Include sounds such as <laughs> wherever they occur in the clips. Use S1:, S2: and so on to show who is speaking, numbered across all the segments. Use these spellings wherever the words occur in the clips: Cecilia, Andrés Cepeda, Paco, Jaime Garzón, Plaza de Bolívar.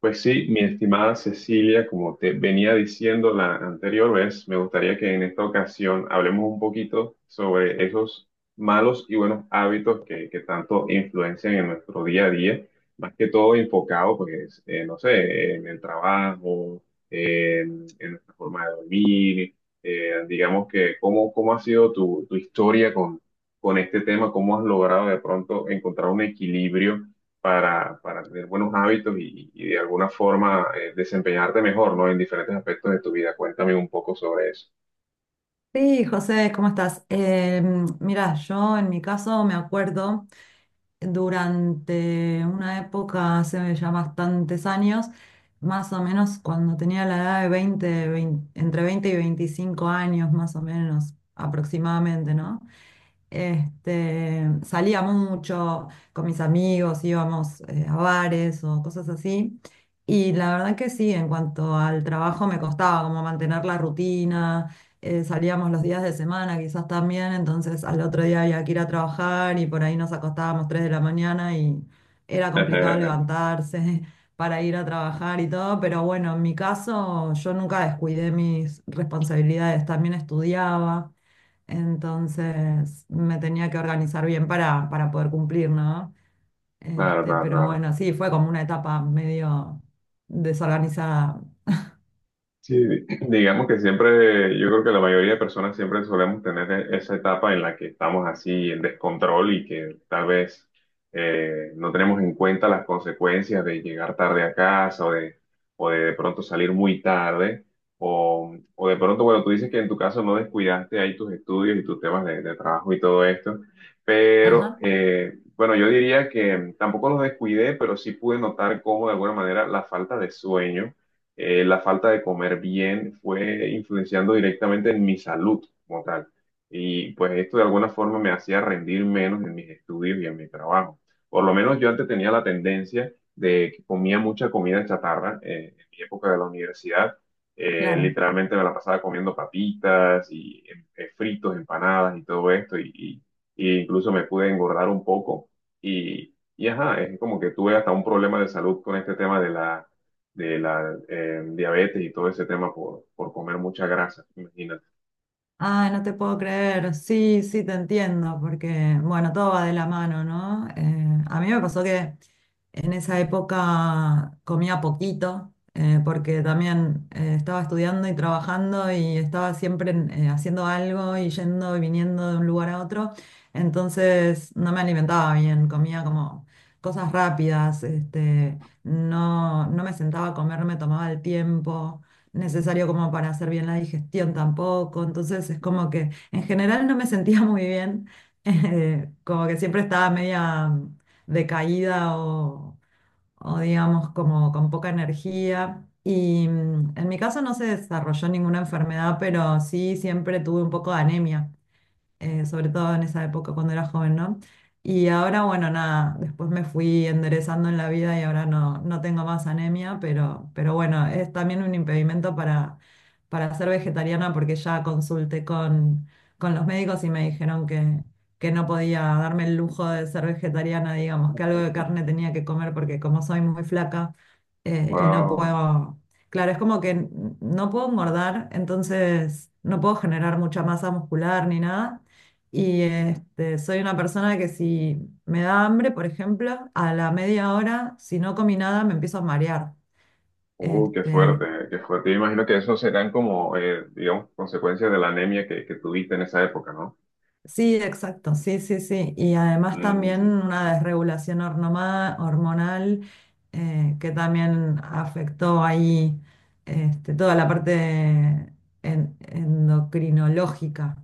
S1: Pues sí, mi estimada Cecilia, como te venía diciendo la anterior vez, me gustaría que en esta ocasión hablemos un poquito sobre esos malos y buenos hábitos que tanto influencian en nuestro día a día, más que todo enfocado, pues, no sé, en el trabajo, en nuestra forma de dormir, digamos que cómo ha sido tu historia con este tema, cómo has logrado de pronto encontrar un equilibrio para tener buenos hábitos y de alguna forma desempeñarte mejor, ¿no? En diferentes aspectos de tu vida. Cuéntame un poco sobre eso.
S2: Sí, José, ¿cómo estás? Mira, yo en mi caso me acuerdo durante una época, hace ya bastantes años, más o menos cuando tenía la edad de 20 entre 20 y 25 años, más o menos aproximadamente, ¿no? Salía mucho con mis amigos, íbamos a bares o cosas así. Y la verdad que sí, en cuanto al trabajo me costaba como mantener la rutina, salíamos los días de semana quizás también, entonces al otro día había que ir a trabajar y por ahí nos acostábamos 3 de la mañana y era complicado
S1: <laughs>
S2: levantarse <laughs> para ir a trabajar y todo, pero bueno, en mi caso yo nunca descuidé mis responsabilidades, también estudiaba. Entonces me tenía que organizar bien para poder cumplir, ¿no?
S1: Claro, claro,
S2: Pero
S1: claro.
S2: bueno, sí, fue como una etapa medio desorganizada.
S1: Sí, digamos que siempre, yo creo que la mayoría de personas siempre solemos tener esa etapa en la que estamos así en descontrol y que tal vez no tenemos en cuenta las consecuencias de llegar tarde a casa o de pronto salir muy tarde o de pronto, bueno, tú dices que en tu caso no descuidaste ahí tus estudios y tus temas de trabajo y todo esto, pero
S2: Ajá,
S1: bueno, yo diría que tampoco los descuidé, pero sí pude notar cómo de alguna manera la falta de sueño la falta de comer bien fue influenciando directamente en mi salud como tal. Y pues esto de alguna forma me hacía rendir menos en mis estudios y en mi trabajo. Por lo menos yo antes tenía la tendencia de que comía mucha comida chatarra en mi época de la universidad.
S2: claro.
S1: Literalmente me la pasaba comiendo papitas y fritos, empanadas y todo esto. Y incluso me pude engordar un poco. Y ajá, es como que tuve hasta un problema de salud con este tema de la de la diabetes y todo ese tema por comer mucha grasa, imagínate.
S2: Ah, no te puedo creer. Sí, sí, te entiendo, porque bueno, todo va de la mano, ¿no? A mí me pasó que en esa época comía poquito, porque también estaba estudiando y trabajando y estaba siempre haciendo algo y yendo y viniendo de un lugar a otro. Entonces no me alimentaba bien, comía como cosas rápidas, no me sentaba a comer, no me tomaba el tiempo necesario como para hacer bien la digestión tampoco. Entonces es como que en general no me sentía muy bien, <laughs> como que siempre estaba media decaída o digamos como con poca energía. Y en mi caso no se desarrolló ninguna enfermedad, pero sí siempre tuve un poco de anemia sobre todo en esa época cuando era joven, ¿no? Y ahora, bueno, nada, después me fui enderezando en la vida y ahora no, no tengo más anemia, pero bueno, es también un impedimento para ser vegetariana porque ya consulté con los médicos y me dijeron que no podía darme el lujo de ser vegetariana, digamos, que algo de carne tenía que comer porque como soy muy flaca y no
S1: Wow.
S2: puedo... Claro, es como que no puedo engordar, entonces no puedo generar mucha masa muscular ni nada, y soy una persona que si me da hambre, por ejemplo, a la media hora, si no comí nada, me empiezo a marear.
S1: Qué
S2: Este,
S1: fuerte, qué fuerte. Yo imagino que eso serán como, digamos, consecuencias de la anemia que tuviste en esa época, ¿no?
S2: sí, exacto, sí, sí, sí. Y además también
S1: Mm,
S2: una desregulación hormonal que también afectó ahí toda la parte endocrinológica.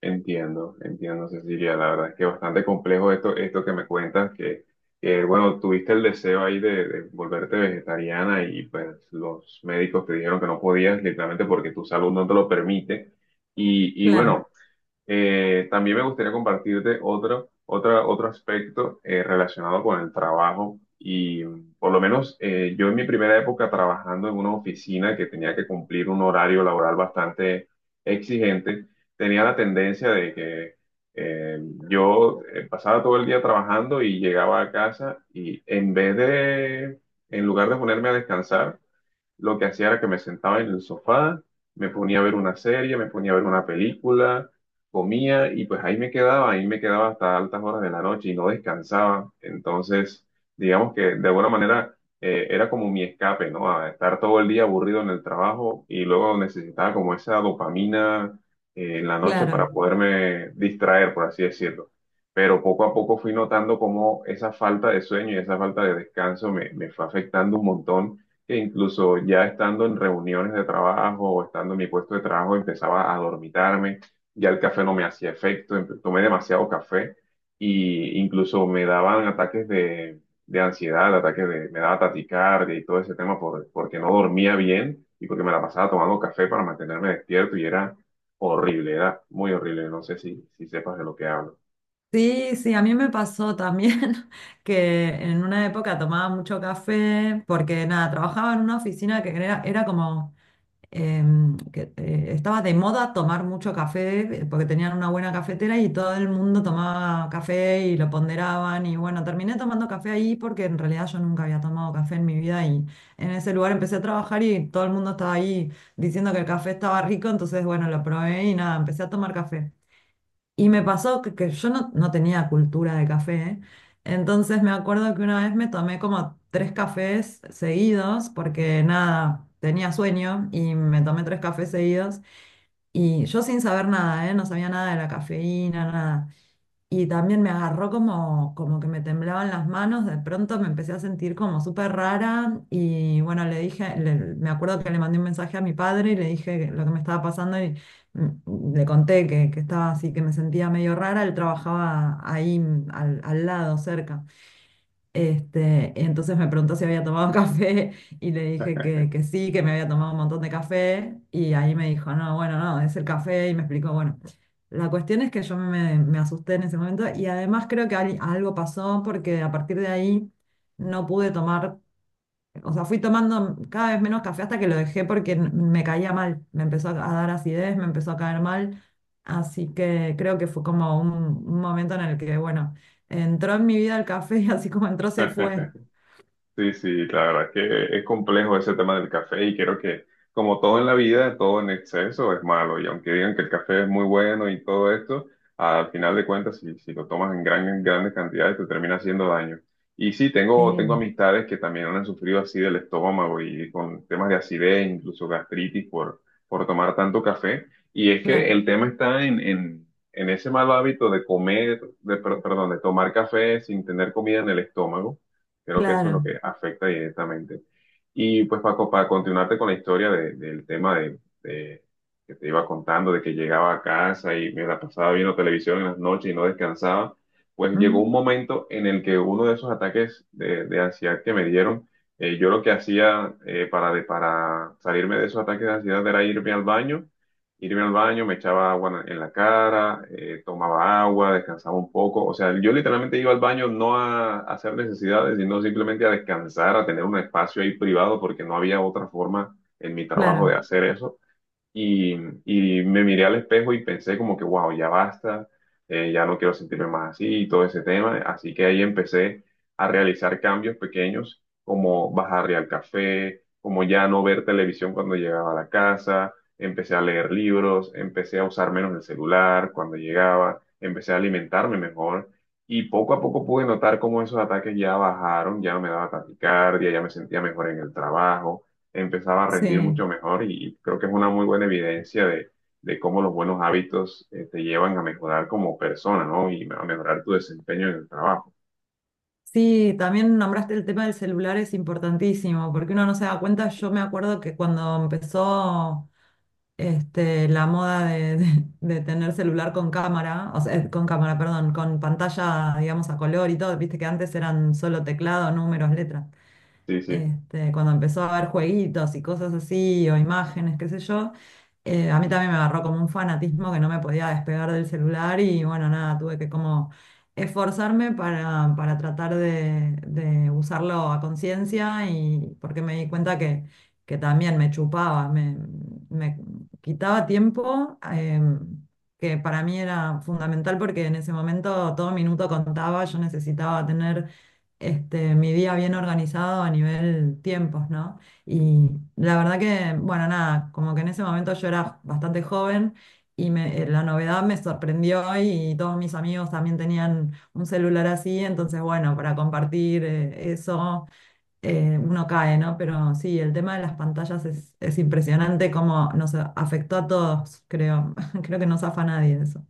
S1: entiendo, entiendo, Cecilia. La verdad es que bastante complejo esto, esto que me cuentas, que, bueno, tuviste el deseo ahí de volverte vegetariana y pues los médicos te dijeron que no podías, literalmente porque tu salud no te lo permite. Y
S2: Claro,
S1: bueno, también me gustaría compartirte otro, otro aspecto relacionado con el trabajo y por lo menos yo en mi primera época trabajando en una oficina que tenía que cumplir un horario laboral bastante exigente, tenía la tendencia de que eh, yo pasaba todo el día trabajando y llegaba a casa y en vez de, en lugar de ponerme a descansar, lo que hacía era que me sentaba en el sofá, me ponía a ver una serie, me ponía a ver una película, comía y pues ahí me quedaba hasta altas horas de la noche y no descansaba. Entonces, digamos que de alguna manera era como mi escape, ¿no? A estar todo el día aburrido en el trabajo y luego necesitaba como esa dopamina en la noche para
S2: claro.
S1: poderme distraer, por así decirlo. Pero poco a poco fui notando cómo esa falta de sueño y esa falta de descanso me fue afectando un montón que incluso ya estando en reuniones de trabajo o estando en mi puesto de trabajo empezaba a dormitarme, ya el café no me hacía efecto, tomé demasiado café y incluso me daban ataques de ansiedad, ataques de, me daba taticardia y todo ese tema porque no dormía bien y porque me la pasaba tomando café para mantenerme despierto y era horrible, era muy horrible, no sé si, si sepas de lo que hablo.
S2: Sí, sí, a mí me pasó también <laughs> que en una época tomaba mucho café porque nada, trabajaba en una oficina era como em, que estaba de moda tomar mucho café porque tenían una buena cafetera y todo el mundo tomaba café y lo ponderaban y bueno, terminé tomando café ahí porque en realidad yo nunca había tomado café en mi vida y en ese lugar empecé a trabajar y todo el mundo estaba ahí diciendo que el café estaba rico, entonces bueno, lo probé y nada, empecé a tomar café. Y me pasó que yo no tenía cultura de café, ¿eh? Entonces me acuerdo que una vez me tomé como tres cafés seguidos porque nada, tenía sueño y me tomé tres cafés seguidos y yo sin saber nada, ¿eh? No sabía nada de la cafeína, nada. Y también me agarró como que me temblaban las manos, de pronto me empecé a sentir como súper rara y bueno, me acuerdo que le mandé un mensaje a mi padre y le dije lo que me estaba pasando y le conté que estaba así, que me sentía medio rara, él trabajaba ahí al lado, cerca. Entonces me preguntó si había tomado <laughs> café y le dije que sí, que me había tomado un montón de café y ahí me dijo, no, bueno, no, es el café y me explicó, bueno, la cuestión es que me asusté en ese momento y además creo algo pasó porque a partir de ahí no pude tomar, o sea, fui tomando cada vez menos café hasta que lo dejé porque me caía mal. Me empezó a dar acidez, me empezó a caer mal. Así que creo que fue como un momento en el que, bueno, entró en mi vida el café y así como entró, se fue.
S1: Sí, sí, la verdad es que es complejo ese tema del café y creo que como todo en la vida, todo en exceso es malo y aunque digan que el café es muy bueno y todo esto, al final de cuentas, si, si lo tomas en gran, en grandes cantidades, te termina haciendo daño. Y sí, tengo,
S2: Sí,
S1: tengo amistades que también han sufrido así del estómago y con temas de acidez, incluso gastritis por tomar tanto café. Y es que
S2: claro,
S1: el tema está en ese mal hábito de comer, de, perdón, de tomar café sin tener comida en el estómago. Creo que eso es lo
S2: claro.
S1: que afecta directamente. Y pues Paco, para continuarte con la historia del tema de, que te iba contando, de que llegaba a casa y me la pasaba viendo televisión en las noches y no descansaba, pues llegó un
S2: Ujú,
S1: momento en el que uno de esos ataques de ansiedad que me dieron, yo lo que hacía para, para salirme de esos ataques de ansiedad era irme al baño, me echaba agua en la cara, tomaba agua, descansaba un poco. O sea, yo literalmente iba al baño no a, a hacer necesidades, sino simplemente a descansar, a tener un espacio ahí privado, porque no había otra forma en mi trabajo de
S2: claro,
S1: hacer eso. Y, y me miré al espejo y pensé como que, wow, ya basta, ya no quiero sentirme más así y todo ese tema. Así que ahí empecé a realizar cambios pequeños, como bajarle al café, como ya no ver televisión cuando llegaba a la casa, empecé a leer libros, empecé a usar menos el celular cuando llegaba, empecé a alimentarme mejor. Y poco a poco pude notar cómo esos ataques ya bajaron, ya no me daba taquicardia, ya me sentía mejor en el trabajo. Empezaba a rendir
S2: sí.
S1: mucho mejor y creo que es una muy buena evidencia de cómo los buenos hábitos te llevan a mejorar como persona, ¿no? Y a mejorar tu desempeño en el trabajo.
S2: Sí, también nombraste el tema del celular, es importantísimo, porque uno no se da cuenta. Yo me acuerdo que cuando empezó la moda de tener celular con cámara, o sea, con cámara, perdón, con pantalla, digamos, a color y todo. Viste que antes eran solo teclado, números, letras,
S1: Sí, sí.
S2: cuando empezó a haber jueguitos y cosas así, o imágenes, qué sé yo, a mí también me agarró como un fanatismo que no me podía despegar del celular y bueno, nada, tuve que como esforzarme para tratar de usarlo a conciencia y porque me di cuenta que también me chupaba, me quitaba tiempo. Que para mí era fundamental porque en ese momento todo minuto contaba, yo necesitaba tener mi día bien organizado a nivel tiempos, ¿no? Y la verdad que, bueno, nada, como que en ese momento yo era bastante joven y la novedad me sorprendió y todos mis amigos también tenían un celular así, entonces, bueno, para compartir eso, uno cae, ¿no? Pero sí, el tema de las pantallas es impresionante cómo nos afectó a todos, creo. <laughs> Creo que no zafa a nadie de eso.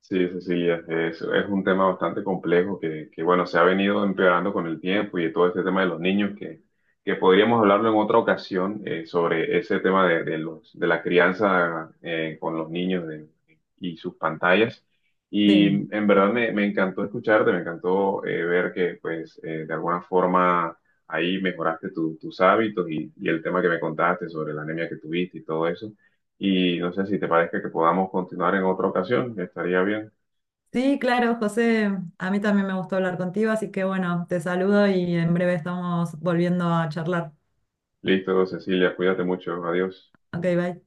S1: Sí, Cecilia, es un tema bastante complejo que, bueno, se ha venido empeorando con el tiempo y de todo este tema de los niños, que podríamos hablarlo en otra ocasión sobre ese tema de los, de la crianza con los niños y sus pantallas.
S2: Sí.
S1: Y en verdad me encantó escucharte, me encantó ver que, pues, de alguna forma ahí mejoraste tus hábitos y el tema que me contaste sobre la anemia que tuviste y todo eso. Y no sé si te parece que podamos continuar en otra ocasión, estaría bien.
S2: Sí, claro, José, a mí también me gustó hablar contigo, así que bueno, te saludo y en breve estamos volviendo a charlar.
S1: Listo, Cecilia, cuídate mucho. Adiós.
S2: Ok, bye.